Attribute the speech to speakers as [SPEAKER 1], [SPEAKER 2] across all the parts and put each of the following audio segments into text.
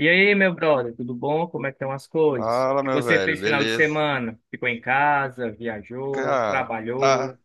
[SPEAKER 1] E aí, meu brother, tudo bom? Como é que estão as coisas? O
[SPEAKER 2] Fala,
[SPEAKER 1] que
[SPEAKER 2] meu
[SPEAKER 1] você
[SPEAKER 2] velho,
[SPEAKER 1] fez final de
[SPEAKER 2] beleza?
[SPEAKER 1] semana? Ficou em casa, viajou,
[SPEAKER 2] Cara, tá
[SPEAKER 1] trabalhou?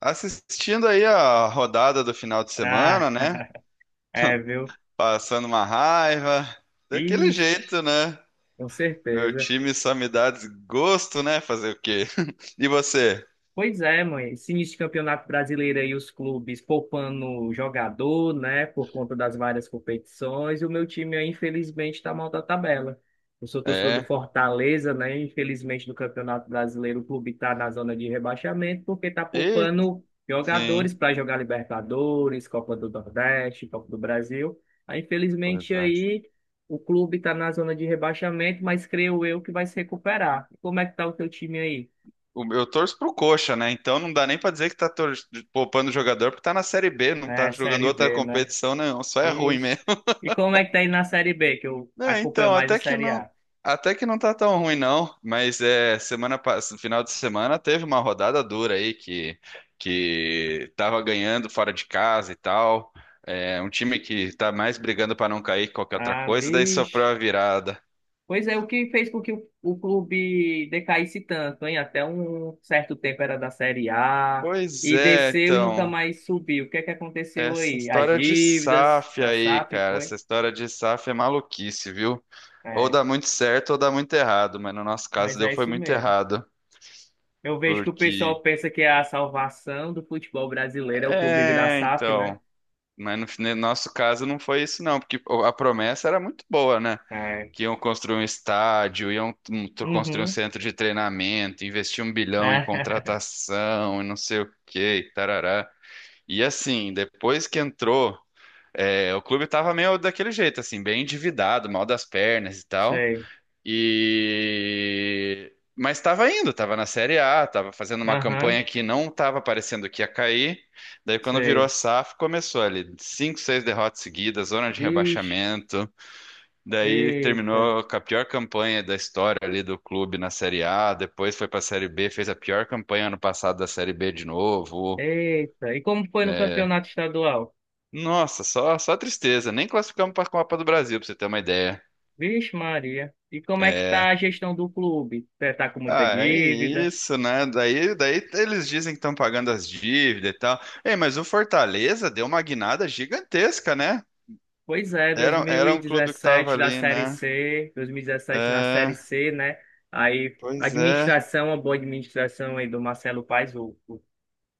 [SPEAKER 2] assistindo aí a rodada do final de
[SPEAKER 1] Ah,
[SPEAKER 2] semana, né?
[SPEAKER 1] é, viu?
[SPEAKER 2] Passando uma raiva, daquele
[SPEAKER 1] Vixe,
[SPEAKER 2] jeito, né?
[SPEAKER 1] com
[SPEAKER 2] Meu
[SPEAKER 1] certeza.
[SPEAKER 2] time só me dá desgosto, né? Fazer o quê? E você?
[SPEAKER 1] Pois é, mãe. Esse início de campeonato brasileiro aí, os clubes poupando jogador, né, por conta das várias competições, e o meu time aí, infelizmente, está mal da tabela. Eu sou torcedor do
[SPEAKER 2] É?
[SPEAKER 1] Fortaleza, né? Infelizmente, no Campeonato Brasileiro, o clube está na zona de rebaixamento porque está
[SPEAKER 2] E
[SPEAKER 1] poupando
[SPEAKER 2] sim,
[SPEAKER 1] jogadores para jogar Libertadores, Copa do Nordeste, Copa do Brasil. Aí,
[SPEAKER 2] pois
[SPEAKER 1] infelizmente,
[SPEAKER 2] é.
[SPEAKER 1] aí o clube está na zona de rebaixamento, mas creio eu que vai se recuperar. E como é que tá o teu time aí?
[SPEAKER 2] Eu torço pro Coxa, né? Então não dá nem pra dizer que tá poupando o jogador porque tá na Série B, não tá
[SPEAKER 1] É,
[SPEAKER 2] jogando
[SPEAKER 1] Série
[SPEAKER 2] outra
[SPEAKER 1] B, né?
[SPEAKER 2] competição, não. Só é ruim
[SPEAKER 1] Vixe.
[SPEAKER 2] mesmo.
[SPEAKER 1] E como é que tá aí na Série B, que eu
[SPEAKER 2] É,
[SPEAKER 1] acompanho
[SPEAKER 2] então,
[SPEAKER 1] mais a Série A?
[SPEAKER 2] até que não tá tão ruim não, mas no final de semana teve uma rodada dura aí que tava ganhando fora de casa e tal. É, um time que tá mais brigando pra não cair que qualquer outra
[SPEAKER 1] Ah,
[SPEAKER 2] coisa, daí sofreu a
[SPEAKER 1] vixe.
[SPEAKER 2] virada.
[SPEAKER 1] Pois é, o que fez com que o clube decaísse tanto, hein? Até um certo tempo era da Série A
[SPEAKER 2] Pois
[SPEAKER 1] e
[SPEAKER 2] é,
[SPEAKER 1] desceu e nunca
[SPEAKER 2] então,
[SPEAKER 1] mais subiu. O que é que aconteceu
[SPEAKER 2] essa
[SPEAKER 1] aí? As
[SPEAKER 2] história de
[SPEAKER 1] dívidas
[SPEAKER 2] SAF
[SPEAKER 1] da
[SPEAKER 2] aí,
[SPEAKER 1] SAF,
[SPEAKER 2] cara, essa
[SPEAKER 1] foi?
[SPEAKER 2] história de SAF é maluquice, viu? Ou
[SPEAKER 1] É,
[SPEAKER 2] dá muito certo ou dá muito errado, mas no nosso caso
[SPEAKER 1] mas
[SPEAKER 2] deu
[SPEAKER 1] é
[SPEAKER 2] foi
[SPEAKER 1] isso
[SPEAKER 2] muito
[SPEAKER 1] mesmo.
[SPEAKER 2] errado,
[SPEAKER 1] Eu vejo que o
[SPEAKER 2] porque
[SPEAKER 1] pessoal pensa que é a salvação do futebol brasileiro é o clube virar
[SPEAKER 2] é,
[SPEAKER 1] SAF, né?
[SPEAKER 2] então. Mas no nosso caso não foi isso, não, porque a promessa era muito boa, né?
[SPEAKER 1] É.
[SPEAKER 2] Que iam construir um estádio, iam construir um
[SPEAKER 1] Uhum.
[SPEAKER 2] centro de treinamento, investir 1 bilhão em
[SPEAKER 1] Né?
[SPEAKER 2] contratação e não sei o quê, e tarará. E assim, depois que entrou, o clube tava meio daquele jeito, assim, bem endividado, mal das pernas e tal.
[SPEAKER 1] Sei.
[SPEAKER 2] E mas estava indo, estava na Série A, estava fazendo uma
[SPEAKER 1] Aham.
[SPEAKER 2] campanha que não estava parecendo que ia cair. Daí quando virou a
[SPEAKER 1] Sei.
[SPEAKER 2] SAF, começou ali cinco, seis derrotas seguidas, zona de
[SPEAKER 1] Vixe,
[SPEAKER 2] rebaixamento. Daí
[SPEAKER 1] eita,
[SPEAKER 2] terminou com a pior campanha da história ali do clube na Série A. Depois foi para a Série B, fez a pior campanha ano passado da Série B de novo.
[SPEAKER 1] eita. E como foi no
[SPEAKER 2] É,
[SPEAKER 1] campeonato estadual?
[SPEAKER 2] nossa, só tristeza. Nem classificamos para a Copa do Brasil, para você ter uma ideia.
[SPEAKER 1] Vixe, Maria. E como é que tá
[SPEAKER 2] É,
[SPEAKER 1] a gestão do clube? Tá com muita
[SPEAKER 2] ah, é
[SPEAKER 1] dívida?
[SPEAKER 2] isso, né? Daí eles dizem que estão pagando as dívidas e tal. Ei, mas o Fortaleza deu uma guinada gigantesca, né?
[SPEAKER 1] Pois é,
[SPEAKER 2] Era, era um clube que tava ali, né?
[SPEAKER 1] 2017 na Série
[SPEAKER 2] É,
[SPEAKER 1] C, né? Aí,
[SPEAKER 2] pois é.
[SPEAKER 1] administração, a boa administração aí do Marcelo Paes, o, o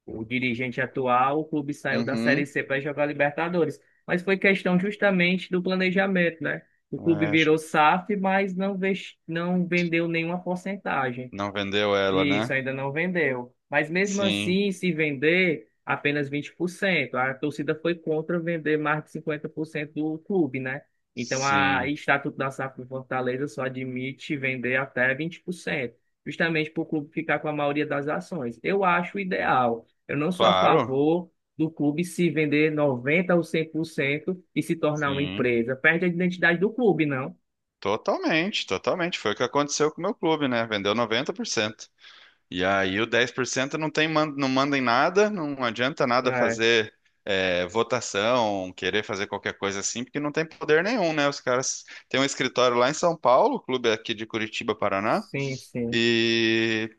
[SPEAKER 1] O dirigente atual, o clube saiu da Série
[SPEAKER 2] Uhum.
[SPEAKER 1] C para jogar Libertadores. Mas foi questão justamente do planejamento, né? O clube
[SPEAKER 2] É, acho
[SPEAKER 1] virou
[SPEAKER 2] que
[SPEAKER 1] SAF, mas não vendeu nenhuma porcentagem.
[SPEAKER 2] não vendeu ela,
[SPEAKER 1] Isso
[SPEAKER 2] né?
[SPEAKER 1] ainda não vendeu. Mas mesmo
[SPEAKER 2] Sim,
[SPEAKER 1] assim, se vender apenas 20%, a torcida foi contra vender mais de 50% do clube, né? Então, a o
[SPEAKER 2] sim.
[SPEAKER 1] Estatuto da SAF do Fortaleza só admite vender até 20%, justamente para o clube ficar com a maioria das ações. Eu acho ideal. Eu não sou a
[SPEAKER 2] Claro,
[SPEAKER 1] favor do clube se vender 90% ou 100% e se tornar uma
[SPEAKER 2] sim.
[SPEAKER 1] empresa. Perde a identidade do clube, não?
[SPEAKER 2] Totalmente, totalmente. Foi o que aconteceu com o meu clube, né? Vendeu 90%. E aí o 10% não tem, não manda em nada, não adianta nada
[SPEAKER 1] É,
[SPEAKER 2] fazer votação, querer fazer qualquer coisa assim, porque não tem poder nenhum, né? Os caras têm um escritório lá em São Paulo, o clube aqui de Curitiba, Paraná,
[SPEAKER 1] sim, sim.
[SPEAKER 2] e,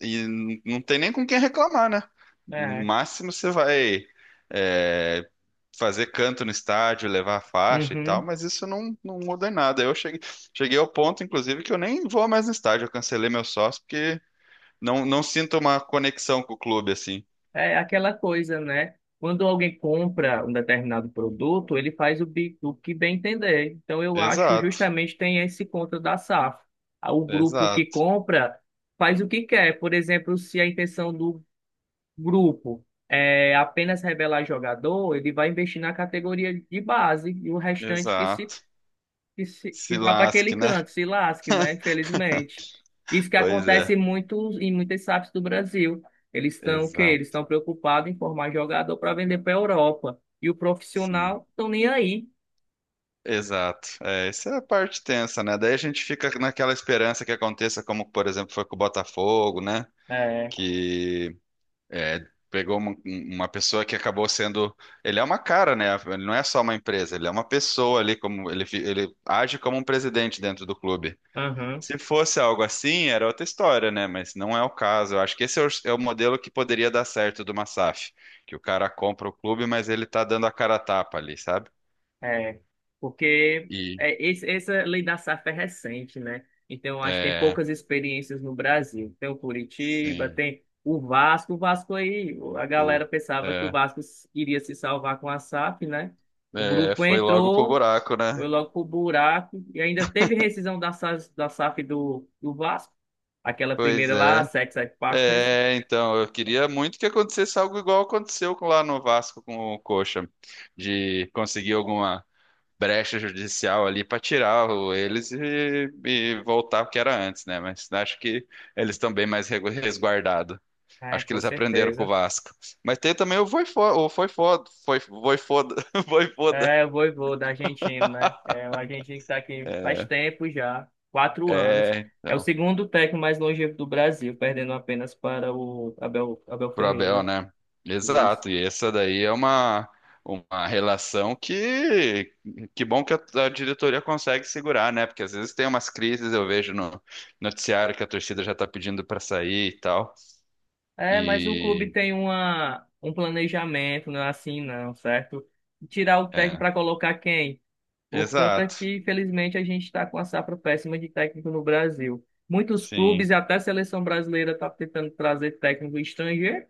[SPEAKER 2] e não tem nem com quem reclamar, né? No
[SPEAKER 1] É.
[SPEAKER 2] máximo você vai é, fazer canto no estádio, levar a faixa e tal,
[SPEAKER 1] Uhum.
[SPEAKER 2] mas isso não, não muda em nada. Eu cheguei ao ponto, inclusive, que eu nem vou mais no estádio, eu cancelei meu sócio, porque não, não sinto uma conexão com o clube, assim.
[SPEAKER 1] É aquela coisa, né? Quando alguém compra um determinado produto, ele faz o que bem entender. Então, eu acho
[SPEAKER 2] Exato,
[SPEAKER 1] justamente tem esse contra da SAF. Ah, o grupo que
[SPEAKER 2] exato,
[SPEAKER 1] compra faz o que quer. Por exemplo, se a intenção do grupo é apenas revelar jogador, ele vai investir na categoria de base e o restante que se
[SPEAKER 2] exato.
[SPEAKER 1] que, se-
[SPEAKER 2] Se
[SPEAKER 1] que vá para aquele
[SPEAKER 2] lasque, né?
[SPEAKER 1] canto, se lasque, né? Infelizmente. Isso que
[SPEAKER 2] Pois
[SPEAKER 1] acontece
[SPEAKER 2] é,
[SPEAKER 1] em muitas SAFs do Brasil. Eles estão o quê? Eles
[SPEAKER 2] exato,
[SPEAKER 1] estão preocupados em formar jogador para vender para a Europa. E o
[SPEAKER 2] sim.
[SPEAKER 1] profissional estão nem aí.
[SPEAKER 2] Exato. É, isso é a parte tensa, né? Daí a gente fica naquela esperança que aconteça, como, por exemplo, foi com o Botafogo, né?
[SPEAKER 1] É.
[SPEAKER 2] Que é, Pegou uma pessoa que acabou sendo. Ele é uma cara, né? Ele não é só uma empresa, ele é uma pessoa ali, como ele age como um presidente dentro do clube.
[SPEAKER 1] Aham.
[SPEAKER 2] Se fosse algo assim, era outra história, né? Mas não é o caso. Eu acho que esse é o modelo que poderia dar certo do Massaf, que o cara compra o clube, mas ele tá dando a cara a tapa ali, sabe?
[SPEAKER 1] É, porque
[SPEAKER 2] E
[SPEAKER 1] essa lei da safra é recente, né? Então, acho que tem
[SPEAKER 2] é,
[SPEAKER 1] poucas experiências no Brasil. Tem o Curitiba,
[SPEAKER 2] sim,
[SPEAKER 1] tem o Vasco. O Vasco aí, a
[SPEAKER 2] o,
[SPEAKER 1] galera pensava que o
[SPEAKER 2] é,
[SPEAKER 1] Vasco iria se salvar com a SAF, né? O grupo
[SPEAKER 2] foi logo pro
[SPEAKER 1] entrou,
[SPEAKER 2] buraco,
[SPEAKER 1] foi
[SPEAKER 2] né?
[SPEAKER 1] logo pro buraco e ainda teve rescisão da SAF do Vasco. Aquela
[SPEAKER 2] Pois
[SPEAKER 1] primeira lá, a
[SPEAKER 2] é.
[SPEAKER 1] Sex Partners.
[SPEAKER 2] É, então, eu queria muito que acontecesse algo igual aconteceu lá no Vasco com o Coxa, de conseguir alguma brecha judicial ali para tirar eles e voltar o que era antes, né? Mas acho que eles estão bem mais resguardados.
[SPEAKER 1] É,
[SPEAKER 2] Acho que
[SPEAKER 1] com
[SPEAKER 2] eles aprenderam com o
[SPEAKER 1] certeza.
[SPEAKER 2] Vasco. Mas tem também o Voifoda, foi, Voifoda, Voivoda.
[SPEAKER 1] É, o vovô da Argentina, né? É, o argentino que tá aqui faz
[SPEAKER 2] É,
[SPEAKER 1] tempo já, 4 anos.
[SPEAKER 2] é,
[SPEAKER 1] É o
[SPEAKER 2] então,
[SPEAKER 1] segundo técnico mais longevo do Brasil, perdendo apenas para o Abel, Abel
[SPEAKER 2] pro Abel,
[SPEAKER 1] Ferreira.
[SPEAKER 2] né?
[SPEAKER 1] Isso.
[SPEAKER 2] Exato, e essa daí é uma relação que bom que a diretoria consegue segurar, né? Porque às vezes tem umas crises, eu vejo no noticiário que a torcida já tá pedindo para sair e tal.
[SPEAKER 1] É, mas o clube
[SPEAKER 2] E
[SPEAKER 1] tem um planejamento, não é assim não, certo? Tirar o técnico
[SPEAKER 2] é,
[SPEAKER 1] para colocar quem? Por conta
[SPEAKER 2] exato,
[SPEAKER 1] que, infelizmente, a gente está com a safra péssima de técnico no Brasil. Muitos clubes,
[SPEAKER 2] sim,
[SPEAKER 1] e até a seleção brasileira, está tentando trazer técnico estrangeiro.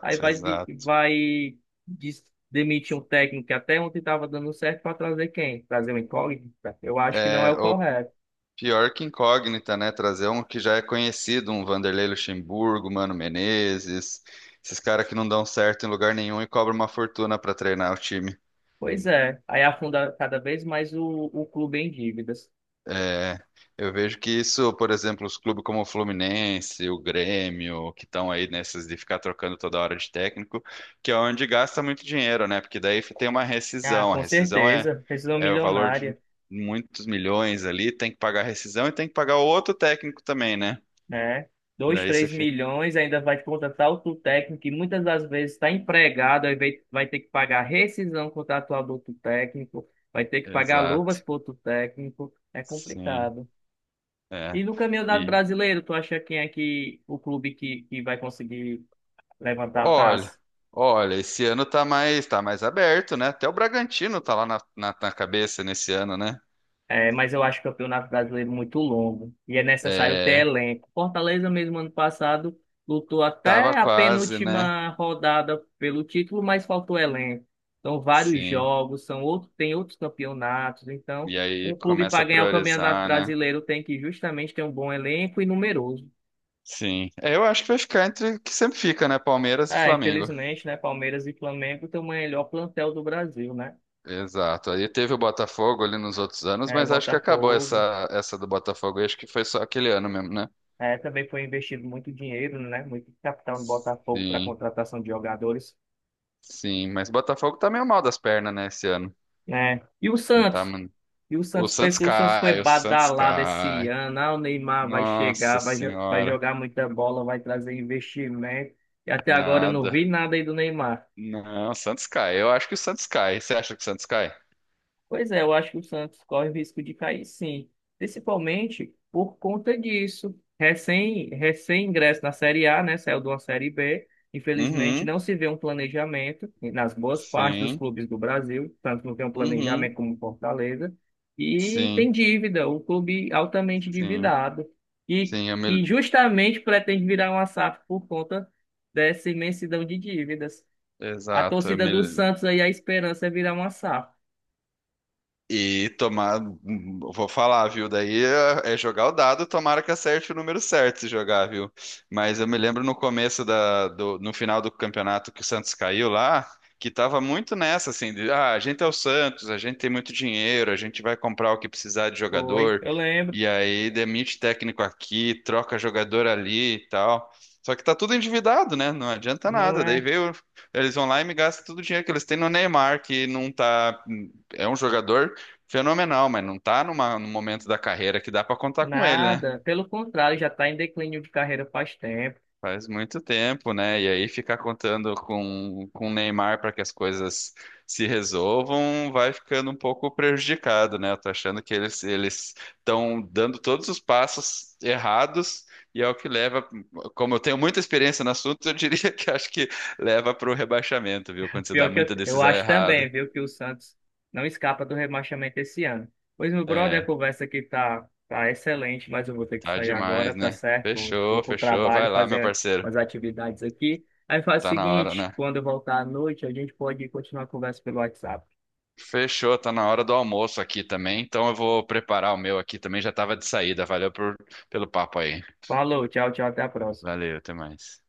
[SPEAKER 1] Aí vai, de-
[SPEAKER 2] exato.
[SPEAKER 1] vai des- demitir um técnico que até ontem estava dando certo para trazer quem? Trazer um incógnito? Eu acho que não é
[SPEAKER 2] É,
[SPEAKER 1] o
[SPEAKER 2] ou
[SPEAKER 1] correto.
[SPEAKER 2] pior que incógnita, né? Trazer um que já é conhecido, um Vanderlei Luxemburgo, Mano Menezes, esses caras que não dão certo em lugar nenhum e cobram uma fortuna pra treinar o time.
[SPEAKER 1] Pois é. Aí afunda cada vez mais o clube em dívidas.
[SPEAKER 2] É, eu vejo que isso, por exemplo, os clubes como o Fluminense, o Grêmio, que estão aí nessas de ficar trocando toda hora de técnico, que é onde gasta muito dinheiro, né? Porque daí tem uma
[SPEAKER 1] Ah,
[SPEAKER 2] rescisão. A
[SPEAKER 1] com
[SPEAKER 2] rescisão é,
[SPEAKER 1] certeza. Precisa de uma
[SPEAKER 2] é o valor de
[SPEAKER 1] milionária,
[SPEAKER 2] muitos milhões ali, tem que pagar a rescisão e tem que pagar o outro técnico também, né?
[SPEAKER 1] né? Dois,
[SPEAKER 2] Daí você
[SPEAKER 1] três
[SPEAKER 2] fica.
[SPEAKER 1] milhões, ainda vai contratar outro técnico que muitas das vezes está empregado, aí vai ter que pagar rescisão contratual do outro técnico, vai ter que pagar luvas
[SPEAKER 2] Exato.
[SPEAKER 1] para outro técnico. É
[SPEAKER 2] Sim,
[SPEAKER 1] complicado.
[SPEAKER 2] é.
[SPEAKER 1] E no Campeonato
[SPEAKER 2] E
[SPEAKER 1] Brasileiro, tu acha quem é que o clube que vai conseguir levantar a
[SPEAKER 2] olha,
[SPEAKER 1] taça?
[SPEAKER 2] olha, esse ano tá mais aberto, né? Até o Bragantino tá lá na cabeça nesse ano, né?
[SPEAKER 1] É, mas eu acho o Campeonato Brasileiro muito longo e é necessário ter
[SPEAKER 2] É,
[SPEAKER 1] elenco. Fortaleza, mesmo ano passado, lutou
[SPEAKER 2] tava
[SPEAKER 1] até a
[SPEAKER 2] quase, né?
[SPEAKER 1] penúltima rodada pelo título, mas faltou elenco. São vários
[SPEAKER 2] Sim.
[SPEAKER 1] jogos, são outros, tem outros campeonatos. Então,
[SPEAKER 2] E aí
[SPEAKER 1] um clube
[SPEAKER 2] começa
[SPEAKER 1] para
[SPEAKER 2] a
[SPEAKER 1] ganhar o Campeonato
[SPEAKER 2] priorizar, né?
[SPEAKER 1] Brasileiro tem que justamente ter um bom elenco e numeroso.
[SPEAKER 2] Sim. É, eu acho que vai ficar entre o que sempre fica, né? Palmeiras e
[SPEAKER 1] Ah,
[SPEAKER 2] Flamengo.
[SPEAKER 1] infelizmente, né, Palmeiras e Flamengo têm o melhor plantel do Brasil, né?
[SPEAKER 2] Exato. Aí teve o Botafogo ali nos outros anos,
[SPEAKER 1] É, o
[SPEAKER 2] mas acho que acabou
[SPEAKER 1] Botafogo.
[SPEAKER 2] essa do Botafogo. Eu acho que foi só aquele ano mesmo, né?
[SPEAKER 1] É, também foi investido muito dinheiro, né? Muito capital no Botafogo para
[SPEAKER 2] Sim.
[SPEAKER 1] contratação de jogadores.
[SPEAKER 2] Sim, mas o Botafogo tá meio mal das pernas, né, esse ano.
[SPEAKER 1] É. E o
[SPEAKER 2] Não tá,
[SPEAKER 1] Santos?
[SPEAKER 2] mano.
[SPEAKER 1] E o
[SPEAKER 2] O
[SPEAKER 1] Santos
[SPEAKER 2] Santos
[SPEAKER 1] pensou, o Santos foi
[SPEAKER 2] cai, o Santos
[SPEAKER 1] badalado esse
[SPEAKER 2] cai.
[SPEAKER 1] ano. Ah, o Neymar vai
[SPEAKER 2] Nossa
[SPEAKER 1] chegar, vai
[SPEAKER 2] Senhora.
[SPEAKER 1] jogar muita bola, vai trazer investimento. E até agora eu não vi
[SPEAKER 2] Nada.
[SPEAKER 1] nada aí do Neymar.
[SPEAKER 2] Não, o Santos cai. Eu acho que o Santos cai. Você acha que o Santos cai?
[SPEAKER 1] Pois é, eu acho que o Santos corre risco de cair, sim. Principalmente por conta disso. Recém-ingresso na Série A, né? Saiu de uma Série B. Infelizmente, não
[SPEAKER 2] Uhum.
[SPEAKER 1] se vê um planejamento nas boas partes dos
[SPEAKER 2] Sim.
[SPEAKER 1] clubes do Brasil. Tanto não tem um planejamento
[SPEAKER 2] Uhum.
[SPEAKER 1] como o Fortaleza. E tem
[SPEAKER 2] Sim.
[SPEAKER 1] dívida, o clube altamente
[SPEAKER 2] Sim.
[SPEAKER 1] endividado. E,
[SPEAKER 2] Sim,
[SPEAKER 1] e justamente pretende virar uma SAF por conta dessa imensidão de dívidas. A
[SPEAKER 2] exato.
[SPEAKER 1] torcida do Santos aí, a esperança é virar uma SAF.
[SPEAKER 2] E tomar, vou falar, viu? Daí é jogar o dado, tomara que acerte o número certo se jogar, viu? Mas eu me lembro no final do campeonato que o Santos caiu lá, que tava muito nessa, assim, a gente é o Santos, a gente tem muito dinheiro, a gente vai comprar o que precisar de
[SPEAKER 1] Foi,
[SPEAKER 2] jogador,
[SPEAKER 1] eu lembro.
[SPEAKER 2] e aí demite técnico aqui, troca jogador ali e tal. Só que tá tudo endividado, né? Não adianta
[SPEAKER 1] Não
[SPEAKER 2] nada. Daí
[SPEAKER 1] é
[SPEAKER 2] veio, eles vão lá e me gastam todo o dinheiro que eles têm no Neymar, que não tá é um jogador fenomenal, mas não tá num momento da carreira que dá pra contar com ele, né?
[SPEAKER 1] nada. Pelo contrário, já está em declínio de carreira faz tempo.
[SPEAKER 2] Faz muito tempo, né? E aí ficar contando com o Neymar para que as coisas se resolvam vai ficando um pouco prejudicado, né? Eu tô achando que eles estão dando todos os passos errados e é o que leva, como eu tenho muita experiência no assunto, eu diria que acho que leva para o rebaixamento, viu? Quando se dá
[SPEAKER 1] Pior que eu,
[SPEAKER 2] muita
[SPEAKER 1] eu
[SPEAKER 2] decisão
[SPEAKER 1] acho
[SPEAKER 2] errada.
[SPEAKER 1] também, viu, que o Santos não escapa do rebaixamento esse ano. Pois, meu brother, a
[SPEAKER 2] É,
[SPEAKER 1] conversa aqui tá excelente, mas eu vou ter que
[SPEAKER 2] tá
[SPEAKER 1] sair agora,
[SPEAKER 2] demais,
[SPEAKER 1] tá
[SPEAKER 2] né?
[SPEAKER 1] certo? Vou
[SPEAKER 2] Fechou,
[SPEAKER 1] pro
[SPEAKER 2] fechou.
[SPEAKER 1] trabalho
[SPEAKER 2] Vai lá, meu
[SPEAKER 1] fazer
[SPEAKER 2] parceiro.
[SPEAKER 1] umas atividades aqui. Aí faz o
[SPEAKER 2] Tá na hora,
[SPEAKER 1] seguinte,
[SPEAKER 2] né?
[SPEAKER 1] quando eu voltar à noite, a gente pode continuar a conversa pelo WhatsApp.
[SPEAKER 2] Fechou, tá na hora do almoço aqui também, então eu vou preparar o meu aqui também, já tava de saída. Valeu pelo papo aí.
[SPEAKER 1] Falou, tchau, tchau, até a próxima.
[SPEAKER 2] Valeu, até mais.